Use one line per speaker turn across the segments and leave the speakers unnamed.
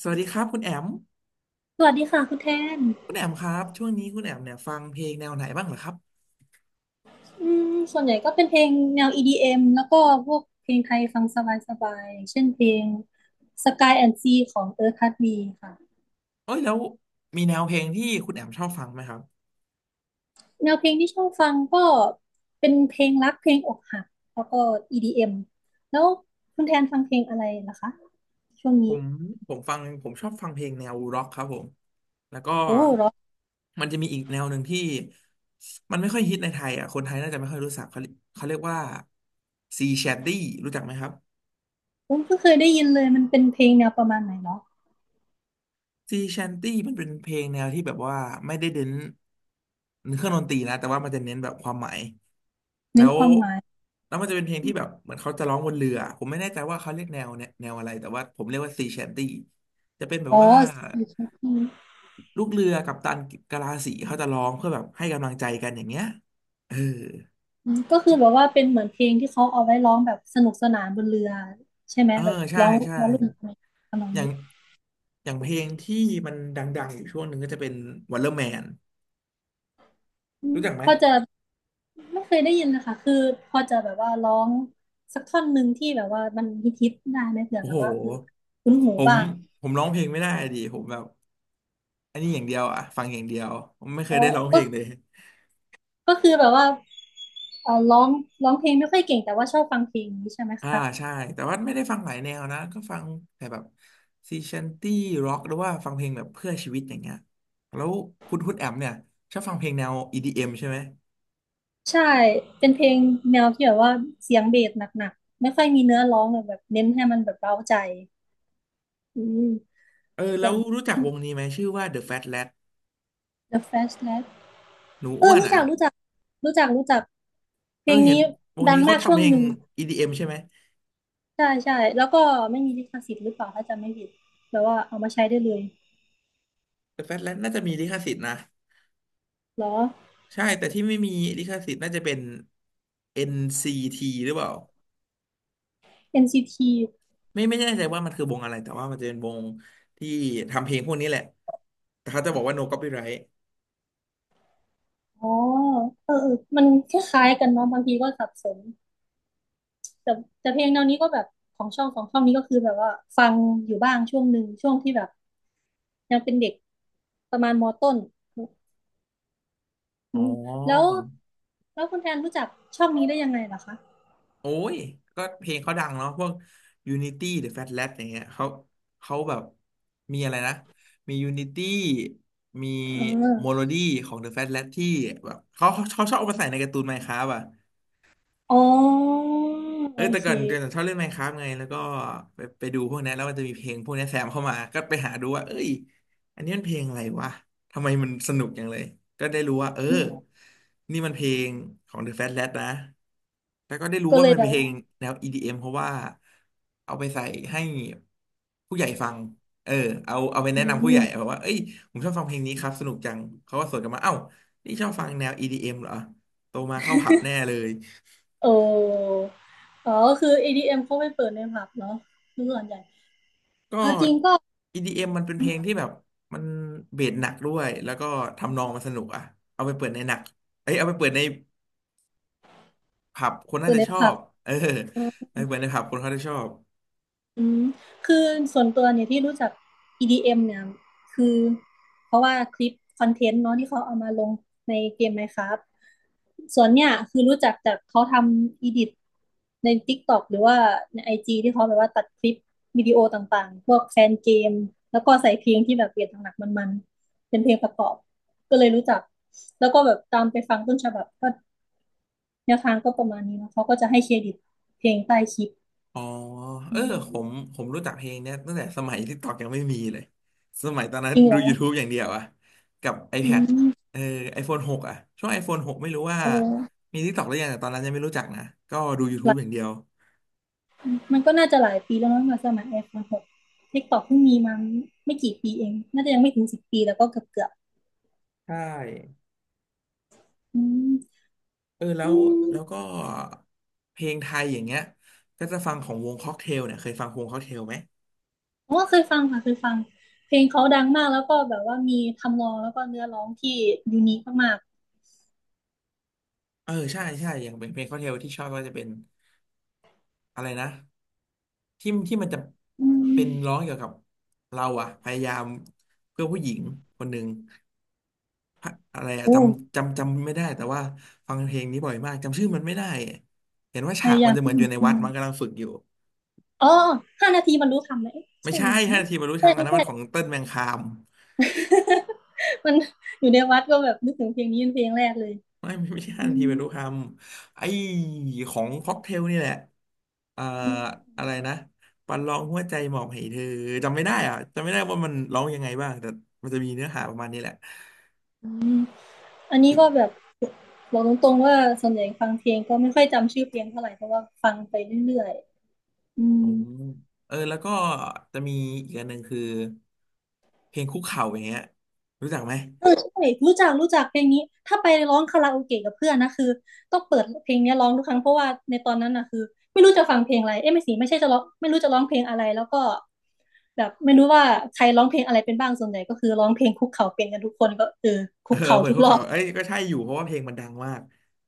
สวัสดีครับคุณแอม
สวัสดีค่ะคุณแทน
คุณแอมครับช่วงนี้คุณแอมเนี่ยฟังเพลงแนวไหนบ้างเหรอครับ
ส่วนใหญ่ก็เป็นเพลงแนว EDM แล้วก็พวกเพลงไทยฟังสบายๆอย่างเช่นเพลง Sky and Sea ของ Earth Heartbeat ค่ะ
เอ้ยแล้วมีแนวเพลงที่คุณแอมชอบฟังไหมครับ
แนวเพลงที่ชอบฟังก็เป็นเพลงรักเพลงอกหักแล้วก็ EDM แล้วคุณแทนฟังเพลงอะไรนะคะช่วง
ผ
นี้
มฟังผมชอบฟังเพลงแนวร็อกครับผมแล้วก็
โอ้เหรอ
มันจะมีอีกแนวหนึ่งที่มันไม่ค่อยฮิตในไทยอ่ะคนไทยน่าจะไม่ค่อยรู้จักเขาเขาเรียกว่าซีแชดดี้รู้จักไหมครับ
ผมเพิ่งเคยได้ยินเลยมันเป็นเพลงแนวประมาณไหนเนาะ
ซีแชนตี้มันเป็นเพลงแนวที่แบบว่าไม่ได้เน้นเครื่องดนตรีนะแต่ว่ามันจะเน้นแบบความหมายแล้
เน้น
ว
ความหมาย
แล้วมันจะเป็นเพลงที่แบบเหมือนเขาจะร้องบนเรือผมไม่แน่ใจว่าเขาเรียกแนวเนี่ยแนวอะไรแต่ว่าผมเรียกว่าซีแชนตี้จะเป็นแบ
อ๋
บ
อ
ว่าลูกเรือกัปตันกะลาสีเขาจะร้องเพื่อแบบให้กำลังใจกันอย่างเงี้ยเออ
ก็คือแบบว่าเป็นเหมือนเพลงที่เขาเอาไว้ร้องแบบสนุกสนานบนเรือใช่ไหม
เออ
แบบ
ใช่
ร้อง
ใช่
แล้วเล่นอะไรทำนอง
อย่า
นี้
งเพลงที่มันดังๆอยู่ช่วงหนึ่งก็จะเป็น Wonderman รู้จักไหม
พอจะไม่เคยได้ยินนะคะคือพอจะแบบว่าร้องสักท่อนหนึ่งที่แบบว่ามันฮิตๆได้ไหมเผื่อ
โอ้
แบ
โห
บว่าเออคุ้นหู
ผม
บ้าง
ผมร้องเพลงไม่ได้ดิผมแบบอันนี้อย่างเดียวอะฟังอย่างเดียวผมไม่เค
อ๋อ
ยได้ร้องเพ
ก็
ลงเลย
ก็คือแบบว่าเออร้องเพลงไม่ค่อยเก่งแต่ว่าชอบฟังเพลงนี้ใช่ไหม
อ่า
คะ
ใช่แต่ว่าไม่ได้ฟังหลายแนวนะก็ฟังแต่แบบซีชันตี้ร็อกหรือว่าฟังเพลงแบบเพื่อชีวิตอย่างเงี้ยแล้วคุณแอมเนี่ยชอบฟังเพลงแนว EDM ใช่ไหม
ใช่เป็นเพลงแนวที่แบบว่าเสียงเบสหนักๆไม่ค่อยมีเนื้อร้องแบบเน้นให้มันแบบเร้าใจอืม
เออแล้
ส่ว
ว
น
รู้จักวงนี้ไหมชื่อว่า The Fat Lad
The Flash Lad
หนู
เอ
อ้
อ
วน
รู้
อ่ะ
จักรู้จักรู้จักรู้จักเพ
เอ
ล
อ
ง
เห็น
นี้
วง
ดัง
นี้เขา
มากช่
ทำ
ว
เพ
ง
ล
ห
ง
นึ่ง
EDM ใช่ไหม
ใช่แล้วก็ไม่มีลิขสิทธิ์หรือเปล่าถ้าจำไม่ผิดแบบว่าเอามาใช้ได้เลย
The Fat Lad น่าจะมีลิขสิทธิ์นะ
เหรอ
ใช่แต่ที่ไม่มีลิขสิทธิ์น่าจะเป็น NCT หรือเปล่า
NCT อนซีที
ไม่แน่ใจว่ามันคือวงอะไรแต่ว่ามันจะเป็นวงที่ทำเพลงพวกนี้แหละแต่เขาจะบอกว่า no copyright
อ๋อเออมันคล้ายๆกันเนาะบางทีก็สับสนแต่เพลงแนวนี้ก็แบบของช่องนี้ก็คือแบบว่าฟังอยู่บ้างช่วงหนึ่งช่วงที่แบบยังเป็นเด็กประมาณมต้นอื
อ๋อ
มแล้วแล้วคุณแทนรู้จักช่องนี้ได้ยังไงล่ะคะ
โอ้ยก็เพลงเขาดังเนาะพวก Unity หรือ Fat Lab อย่างเงี้ยเขาแบบมีอะไรนะมี Unity มี
เอ๋อ
Melody ของ The Fat Lab ที่แบบเขาชอบเอามาใส่ในการ์ตูน Minecraft อ่ะ
อ๋อ
เอ
โอ
อแต่
เค
ก่อนเดี๋ยวชอบเล่น Minecraft ไงแล้วก็ไปดูพวกนี้นแล้วมันจะมีเพลงพวกนี้แซมเข้ามาก็ไปหาดูว่าเอ้ยอันนี้มันเพลงอะไรวะทำไมมันสนุกจังเลยก็ได้รู้ว่าเออนี่มันเพลงของ The Fat Lad นะแล้วก็ได้รู้
ก็
ว่า
เลย
มัน
แบ
เป็น
บ
เพล
ว่า
งแนว EDM เอ็มเพราะว่าเอาไปใส่ให้ผู้ใหญ่ฟังเออเอาไป
อื
แนะนำผู้ใหญ่แบบ
ม
ว่าเอ้ยผมชอบฟังเพลงนี้ครับสนุกจังเขาก็สวนกลับมาเอ้านี่ชอบฟังแนว EDM เอ็มเหรอโตมาเข้าผับแน่เลย
โอ้อ๋อก็คือ EDM เอ็มเขาไปเปิดในผับเนาะคือส่วนใหญ่
ก็
เอาจริงก็
EDM มมันเป็นเพลงที่แบบมันเบสหนักด้วยแล้วก็ทำนองมันสนุกอะเอาไปเปิดในหนักเอ้ยเอาไปเปิดในผับคนน่า
เปิด
จะ
ใน
ชอ
ผับ
บเออ
เออ
เอาไปเปิดในผับคนเขาจะชอบ
อืมคือส่วนตัวเนี่ยที่รู้จัก EDM เอ็มเนี่ยคือเพราะว่าคลิปคอนเทนต์เนาะที่เขาเอามาลงในเกม Minecraft ส่วนเนี่ยคือรู้จักจากเขาทำอีดิทใน TikTok หรือว่าใน IG ที่เขาแบบว่าตัดคลิปวิดีโอต่างๆพวกแฟนเกมแล้วก็ใส่เพลงที่แบบเบียดหนักๆมันๆเป็นเพลงประกอบก็เลยรู้จักแล้วก็แบบตามไปฟังต้นฉบับก็แนวทางก็ประมาณนี้เนาะเขาก็จะให้เครดิตเพลงใต้คลิป
อ๋อเอ
อื
อผม
ม
ผมรู้จักเพลงเนี้ยตั้งแต่สมัยที่ตอกยังไม่มีเลยสมัยตอนนั้
จ
น
ริงเห
ดู
รอ
YouTube อย่างเดียวอะกับ
อื
iPad
ม
เออ iPhone 6อะช่วง iPhone หกไม่รู้ว่า
โอ้
มี TikTok หรือยังแต่ตอนนั้นยังไม่รู้จักนะก็ดู
หลา
YouTube อ
ย
ย่างเดียว
มันก็น่าจะหลายปีแล้วมั้งมาสมัย iPhone หก TikTok เพิ่งมีมาไม่กี่ปีเองน่าจะยังไม่ถึงสิบปีแล้วก็เกือบเกือบ
ใช่
อืม
เออแล้
อื
ว
ม
ก็เพลงไทยอย่างเงี้ยก็จะฟังของวงค็อกเทลเนี่ยเคยฟังวงค็อกเทลไหม
เพาเคยฟังค่ะเคยฟังเพลงเขาดังมากแล้วก็แบบว่ามีทำนองแล้วก็เนื้อร้องที่ยูนิคมาก
เออใช่ใช่อย่างเป็นเพลงค็อกเทลที่ชอบก็จะเป็นอะไรนะที่ที่มันจะ
ๆอื
เป็
ม
นร้องเกี่ยวกับเราอะพยายามเพื่อผู้หญิงคนหนึ่งพะอะไรอะจ
โอ้
ำจำจำไม่ได้แต่ว่าฟังเพลงนี้บ่อยมากจำชื่อมันไม่ได้เห็นว่า
พ
ฉาก
ยา
มั
ยา
น
ม
จะเหมื
ที่
อนอยู่ใน
อื
วัด
ม
มันกำลังฝึกอยู่
อ๋อห้านาทีมันรู้ทำเลยเอ๊ะ
ไม่
ใช่
ใช่
เหรอ
ห้านาทีบรรลุธ
ใช่
รรมอัน
ไม่
นั้น
ใช่
มันของเติ้ลแมงคาม
มันอยู่ในวัดก็แบบนึกถึงเพลงนี้เป็นเพลงแรกเลย
ไม่ไม่ไม่ใช่ทั
อื
นาที
ม
ไปรู้คำไอ้ของค็อกเทลนี่แหละเอ่อ
อ
อะไรนะประลองหัวใจหมอบให้เธอจำไม่ได้อ่ะจำไม่ได้ว่ามันร้องยังไงบ้างแต่มันจะมีเนื้อหาประมาณนี้แหละ
ืม อันนี้
อีก
ก็แบบบอกตรงๆว่าส่วนใหญ่ฟังเพลงก็ไม่ค่อยจำชื่อเพลงเท่าไหร่เพราะว่าฟังไปเรื่อยๆอื
อื
ม
มเออแล้วก็จะมีอีกอันหนึ่งคือเพลงคุกเข่าอย่างเงี้ยรู้จักไหม
เออใช่รู้จักเพลงนี้ถ้าไปร้องคาราโอเกะกับเพื่อนนะคือต้องเปิดเพลงเนี้ยร้องทุกครั้งเพราะว่าในตอนนั้นนะคือไม่รู้จะฟังเพลงอะไรเอ้ยไม่สิไม่ใช่จะร้องไม่รู้จะร้องเพลงอะไรแล้วก็แบบไม่รู้ว่าใครร้องเพลงอะไรเป็นบ้างส่วนใหญ่ก็คือร้องเพลงคุกเข่าเป็นกันทุกคนก็เออ
เอ
คุ
อ
กเข่า
เปิด
ทุก
คุก
รอ
เข่า
บ
เอ้ยก็ใช่อยู่เพราะว่าเพลงมันดังมาก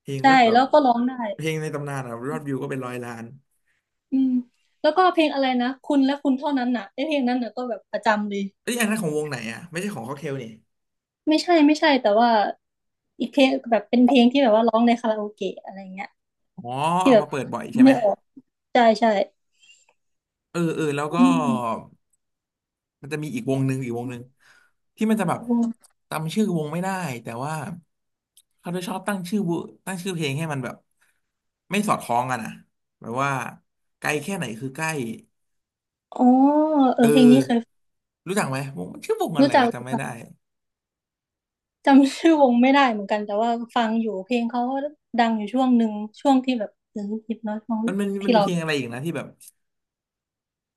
เพลง
ใช่
ก็แบ
แล้
บ
วก็ร้องได้
เพลงในตำนานอะยอดวิวก็เป็น100 ล้าน
อืมแล้วก็เพลงอะไรนะคุณและคุณเท่านั้นน่ะไอ้เพลงนั้นน่ะก็แบบประจำเลย
เอ้ยอันนั้นของวงไหนอ่ะไม่ใช่ของค็อกเทลนี่
ไม่ใช่แต่ว่าอีกเพลงแบบเป็นเพลงที่แบบว่าร้องในคาราโอเกะอะไรเงี้ย
อ๋อ
ที่
เอา
แบบ
มาเปิดบ่อยใช่ไห
ไม่
ม
ออกใช่
เออเออแล้วก็
อืม
มันจะมีอีกวงหนึ่งอีกวงหนึ่งที่มันจะแบบจำชื่อวงไม่ได้แต่ว่าเขาจะชอบตั้งชื่อวงตั้งชื่อเพลงให้มันแบบไม่สอดคล้องกันอ่ะแบบว่าไกลแค่ไหนคือใกล้
อ๋อเอ
เอ
อเพลงนี้เคย
อรู้จักไหมวงชื่อวงอะ
รู้
ไร
จัก
วะจำ
รู้
ไม่
จัก
ได้
จำชื่อวงไม่ได้เหมือนกันแต่ว่าฟังอยู่เพลงเขาก็ดังอยู่ช่วงหนึ่งช่วงที่แบบเออฮิปน้อยฟัง
มันมีเพลงอะไรอีกนะที่แบบ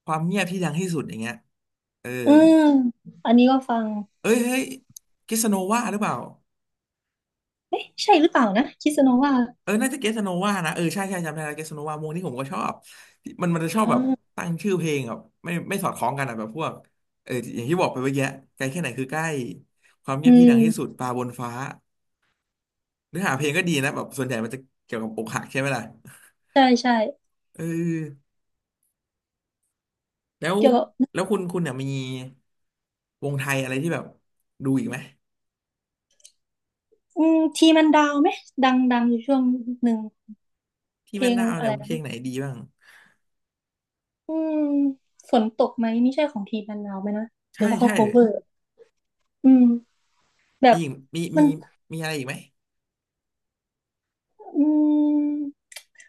ความเงียบที่ดังที่สุดอย่างเงี้ยเออ
อืมอันนี้ก็ฟัง
เอ้ยเฮ้ยกิสโนวาหรือเปล่า
เอ๊ะใช่หรือเปล่านะคิสโนวา
เออน่าจะเกสโนวานะเออใช่ใช่ จำได้แล้วเกสโนวาวงนี้ผมก็ชอบ มันจะชอบแบบ
อ่า
ตั้งชื่อเพลงแบบไม่สอดคล้องกันอะแบบพวกเอออย่างที่บอกไปเมื่อกี้ไกลแค่ไหนคือใกล้ความเงี
อื
ยบที่ดังที่สุด
ม
ปลาบนฟ้าเนื้อหาเพลงก็ดีนะแบบส่วนใหญ่มันจะเกี่ยวกับอกหักใช่ไหมล่ะ
ใช่
เออแล้ว
เกี่ยวกับ
แล้วคุณเนี่ยมีวงไทยอะไรที่แบบดูอีกไหม
อืมทีมันดาวไหมดังอยู่ช่วงหนึ่ง
ที่
เพล
แม่น
ง
ดาว
อะ
เนี่ย
ไร
เพลงไหนดีบ้าง
อืมฝนตกไหมนี่ใช่ของทีมมันนาวไหมนะหรื
ใช่
อว่าเขา
ใช่
cover อืมแบ
มี
บ
อีกมี
มั
มี
น
มีอะไรอีกไหม
อืม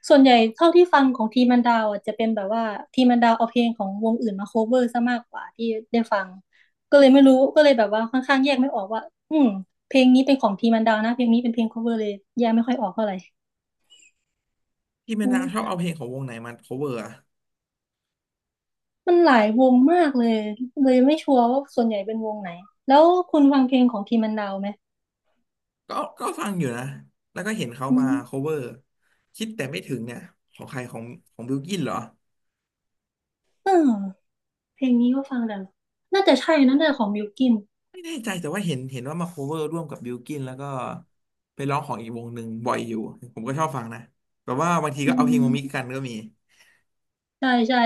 ส่วนใหญ่เท่าที่ฟังของทีมมันดาวอ่ะจะเป็นแบบว่าทีมมันดาวเอาเพลงของวงอื่นมา cover ซะมากกว่าที่ได้ฟังก็เลยไม่รู้ก็เลยแบบว่าค่อนข้างแยกไม่ออกว่าอืมเพลงนี้เป็นของทีมมันดาวนะเพลงนี้เป็นเพลง cover เลยแยกไม่ค่อยออกเท่าไหร่
ที่แม่
อื
นดาวชอบ
ม
เอาเพลงของวงไหนมา cover อะ
มันหลายวงมากเลยเลยไม่ชัวร์ว่าส่วนใหญ่เป็นวงไหนแล้วคุณฟังเพลงของทีมมันดาวไหม
ก็ฟังอยู่นะแล้วก็เห็นเขา
อื
มา
ม
cover คิดแต่ไม่ถึงเนี่ยของใครของบิลกินเหรอ
เออ เพลงนี้ก็ฟังแต่น่าจะใช่นะน่าจะของบิลกิน
ไม่แน่ใจแต่ว่าเห็นว่ามา cover ร่วมกับบิลกินแล้วก็ไปร้องของอีกวงหนึ่งบ่อยอยู่ผมก็ชอบฟังนะแบบว่าบางที
อื
ก็เอาเพลงมามิก
ม
กันก็มี
ใช่ใช่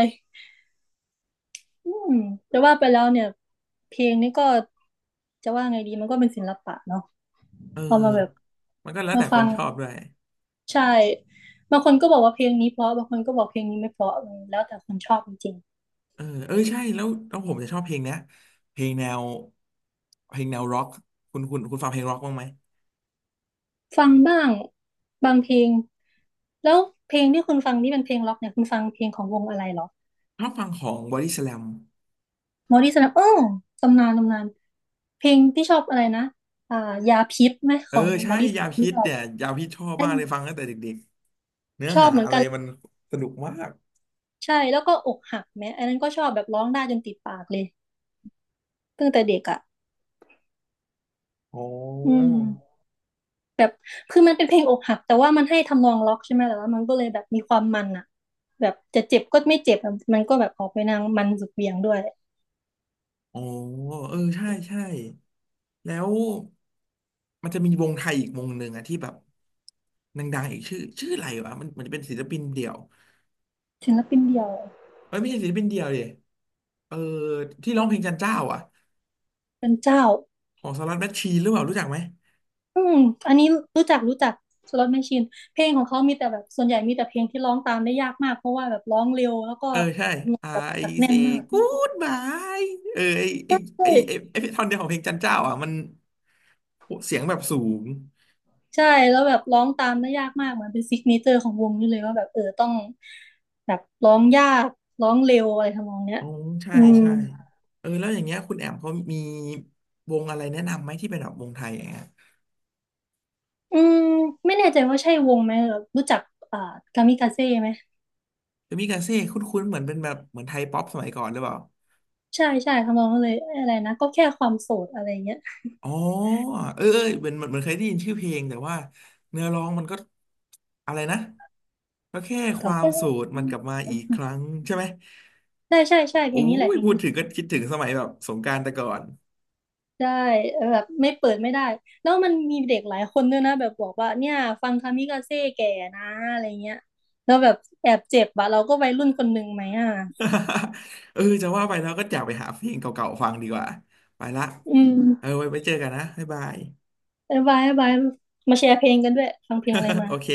อืมแต่ว่าไปแล้วเนี่ยเพลงนี้ก็จะว่าไงดีมันก็เป็นศิลปะเนาะ
เอ
เอามาแบบ
อมันก็แล้ว
มา
แต่ค
ฟั
น
ง
ชอบด้วย
ใช่บางคนก็บอกว่าเพลงนี้เพราะบางคนก็บอกเพลงนี้ไม่เพราะแล้วแต่คนชอบจริง
เออเออใช่แล้วแล้วผมจะชอบเพลงเนี้ยเพลงแนวเพลงแนวร็อกคุณฟังเพลงร็อกบ้างไหม
ๆฟังบ้างบางเพลงแล้วเพลงที่คุณฟังนี่เป็นเพลงร็อกเนี่ยคุณฟังเพลงของวงอะไรเหรอ
ชอบฟังของบอดี้สแลม
หมอดีสนับเออตำนานตำนานเพลงที่ชอบอะไรนะอ่ายาพิษไหมข
เออ
องบ
ใช่
อดี้ส
ยาพิษ
แลม
เนี่ยยาพิษชอบ
เต้
มาก
น
เลยฟังตั้งแต่เด็ก เนื้อ
ชอบ
หา
เหมือน
อะไร
กัน
มันสนุกมาก
ใช่แล้วก็อกหักแม้อันนั้นก็ชอบแบบร้องได้จนติดปากเลยตั้งแต่เด็กอ่ะ
อ๋อ
อืมแบบคือมันเป็นเพลงอกหักแต่ว่ามันให้ทำนองล็อกใช่ไหมแต่ว่ามันก็เลยแบบมีความมันอ่ะแบบจะเจ็บก็ไม่เจ็บอะมันก็แบบออกไปนางมันสุดเหวี่ยงด้วย
อ๋อเออ ใช่ ใช่ แล้วมันจะมีวงไทยอีกวงหนึ่งอะที่แบบดังๆอีกชื่ออะไรวะมันจะเป็นศิลปินเดี่ยว
ศิลปินเดียว
เอ้ยไม่ใช่ศิลปินเดี่ยวดิเออที่ร้องเพลงจันเจ้าอ่ะ
เป็นเจ้า
ของสลัดแมชชีนหรือเปล่ารู้จักไหม
อืมอันนี้รู้จักรู้จักสล็อตแมชชีนเพลงของเขามีแต่แบบส่วนใหญ่มีแต่เพลงที่ร้องตามได้ยากมากเพราะว่าแบบร้องเร็วแล้วก็
เออใช่
แบบ
I
หนัดแน่น
say
มาก
goodbye เออไอ
ใช
ไอไอไอ
่
ไอท่อนเดียวของเพลงจันเจ้าอ่ะมันเสียงแบบสูง
ใช่แล้วแบบร้องตามได้ยากมากเหมือนเป็นซิกเนเจอร์ของวงนี่เลยว่าแบบเออต้องแบบร้องยากร้องเร็วอะไรทำนองเนี้ย
อ๋อใช่
อืม
ใช่เออแล้วอย่างเงี้ยคุณแอมเขามีวงอะไรแนะนำไหมที่เป็นแบบวงไทยอย่างเงี้ย
อืมไม่แน่ใจว่าใช่วงไหมแบบรู้จักอ่ากามิกาเซ่ไหม
จะมีกาเซ่คุ้นๆเหมือนเป็นแบบเหมือนไทยป๊อปสมัยก่อนหรือเปล่า
ใช่ใช่ทำนองนั้นเลยอะไรนะก็แค่ความโสดอะไรเงี้ย
อ๋อเออเออเหมือนเคยได้ยินชื่อเพลงแต่ว่าเนื้อร้องมันก็อะไรนะก็แค่ค
ก็
วาม
แค่
โสดมันกลับมาอีกครั้งใช่ไหม
ใช่ใช่ใช่เพ
โอ้
ลงนี้แหละ
ย
เพลง
พูด
นี้
ถึงก็คิดถึงสมัยแบบสงกรานต์แต่ก่อน
ใช่เออแบบไม่เปิดไม่ได้แล้วมันมีเด็กหลายคนด้วยนะแบบบอกว่าเนี่ยฟังคามิกาเซ่แก่นะอะไรเงี้ยแล้วแบบแอบเจ็บอะเราก็วัยรุ่นคนหนึ่งไหมอ่ะ
เออจะว่าไปแล้วก็อยากไปหาเพลงเก่าๆฟังดีกว่าไปละ
อืม
เออไว้ไปเจอกันนะบ๊ายบาย
บายบายบายมาแชร์เพลงกันด้วยฟังเพลงอะไร มา
โอเค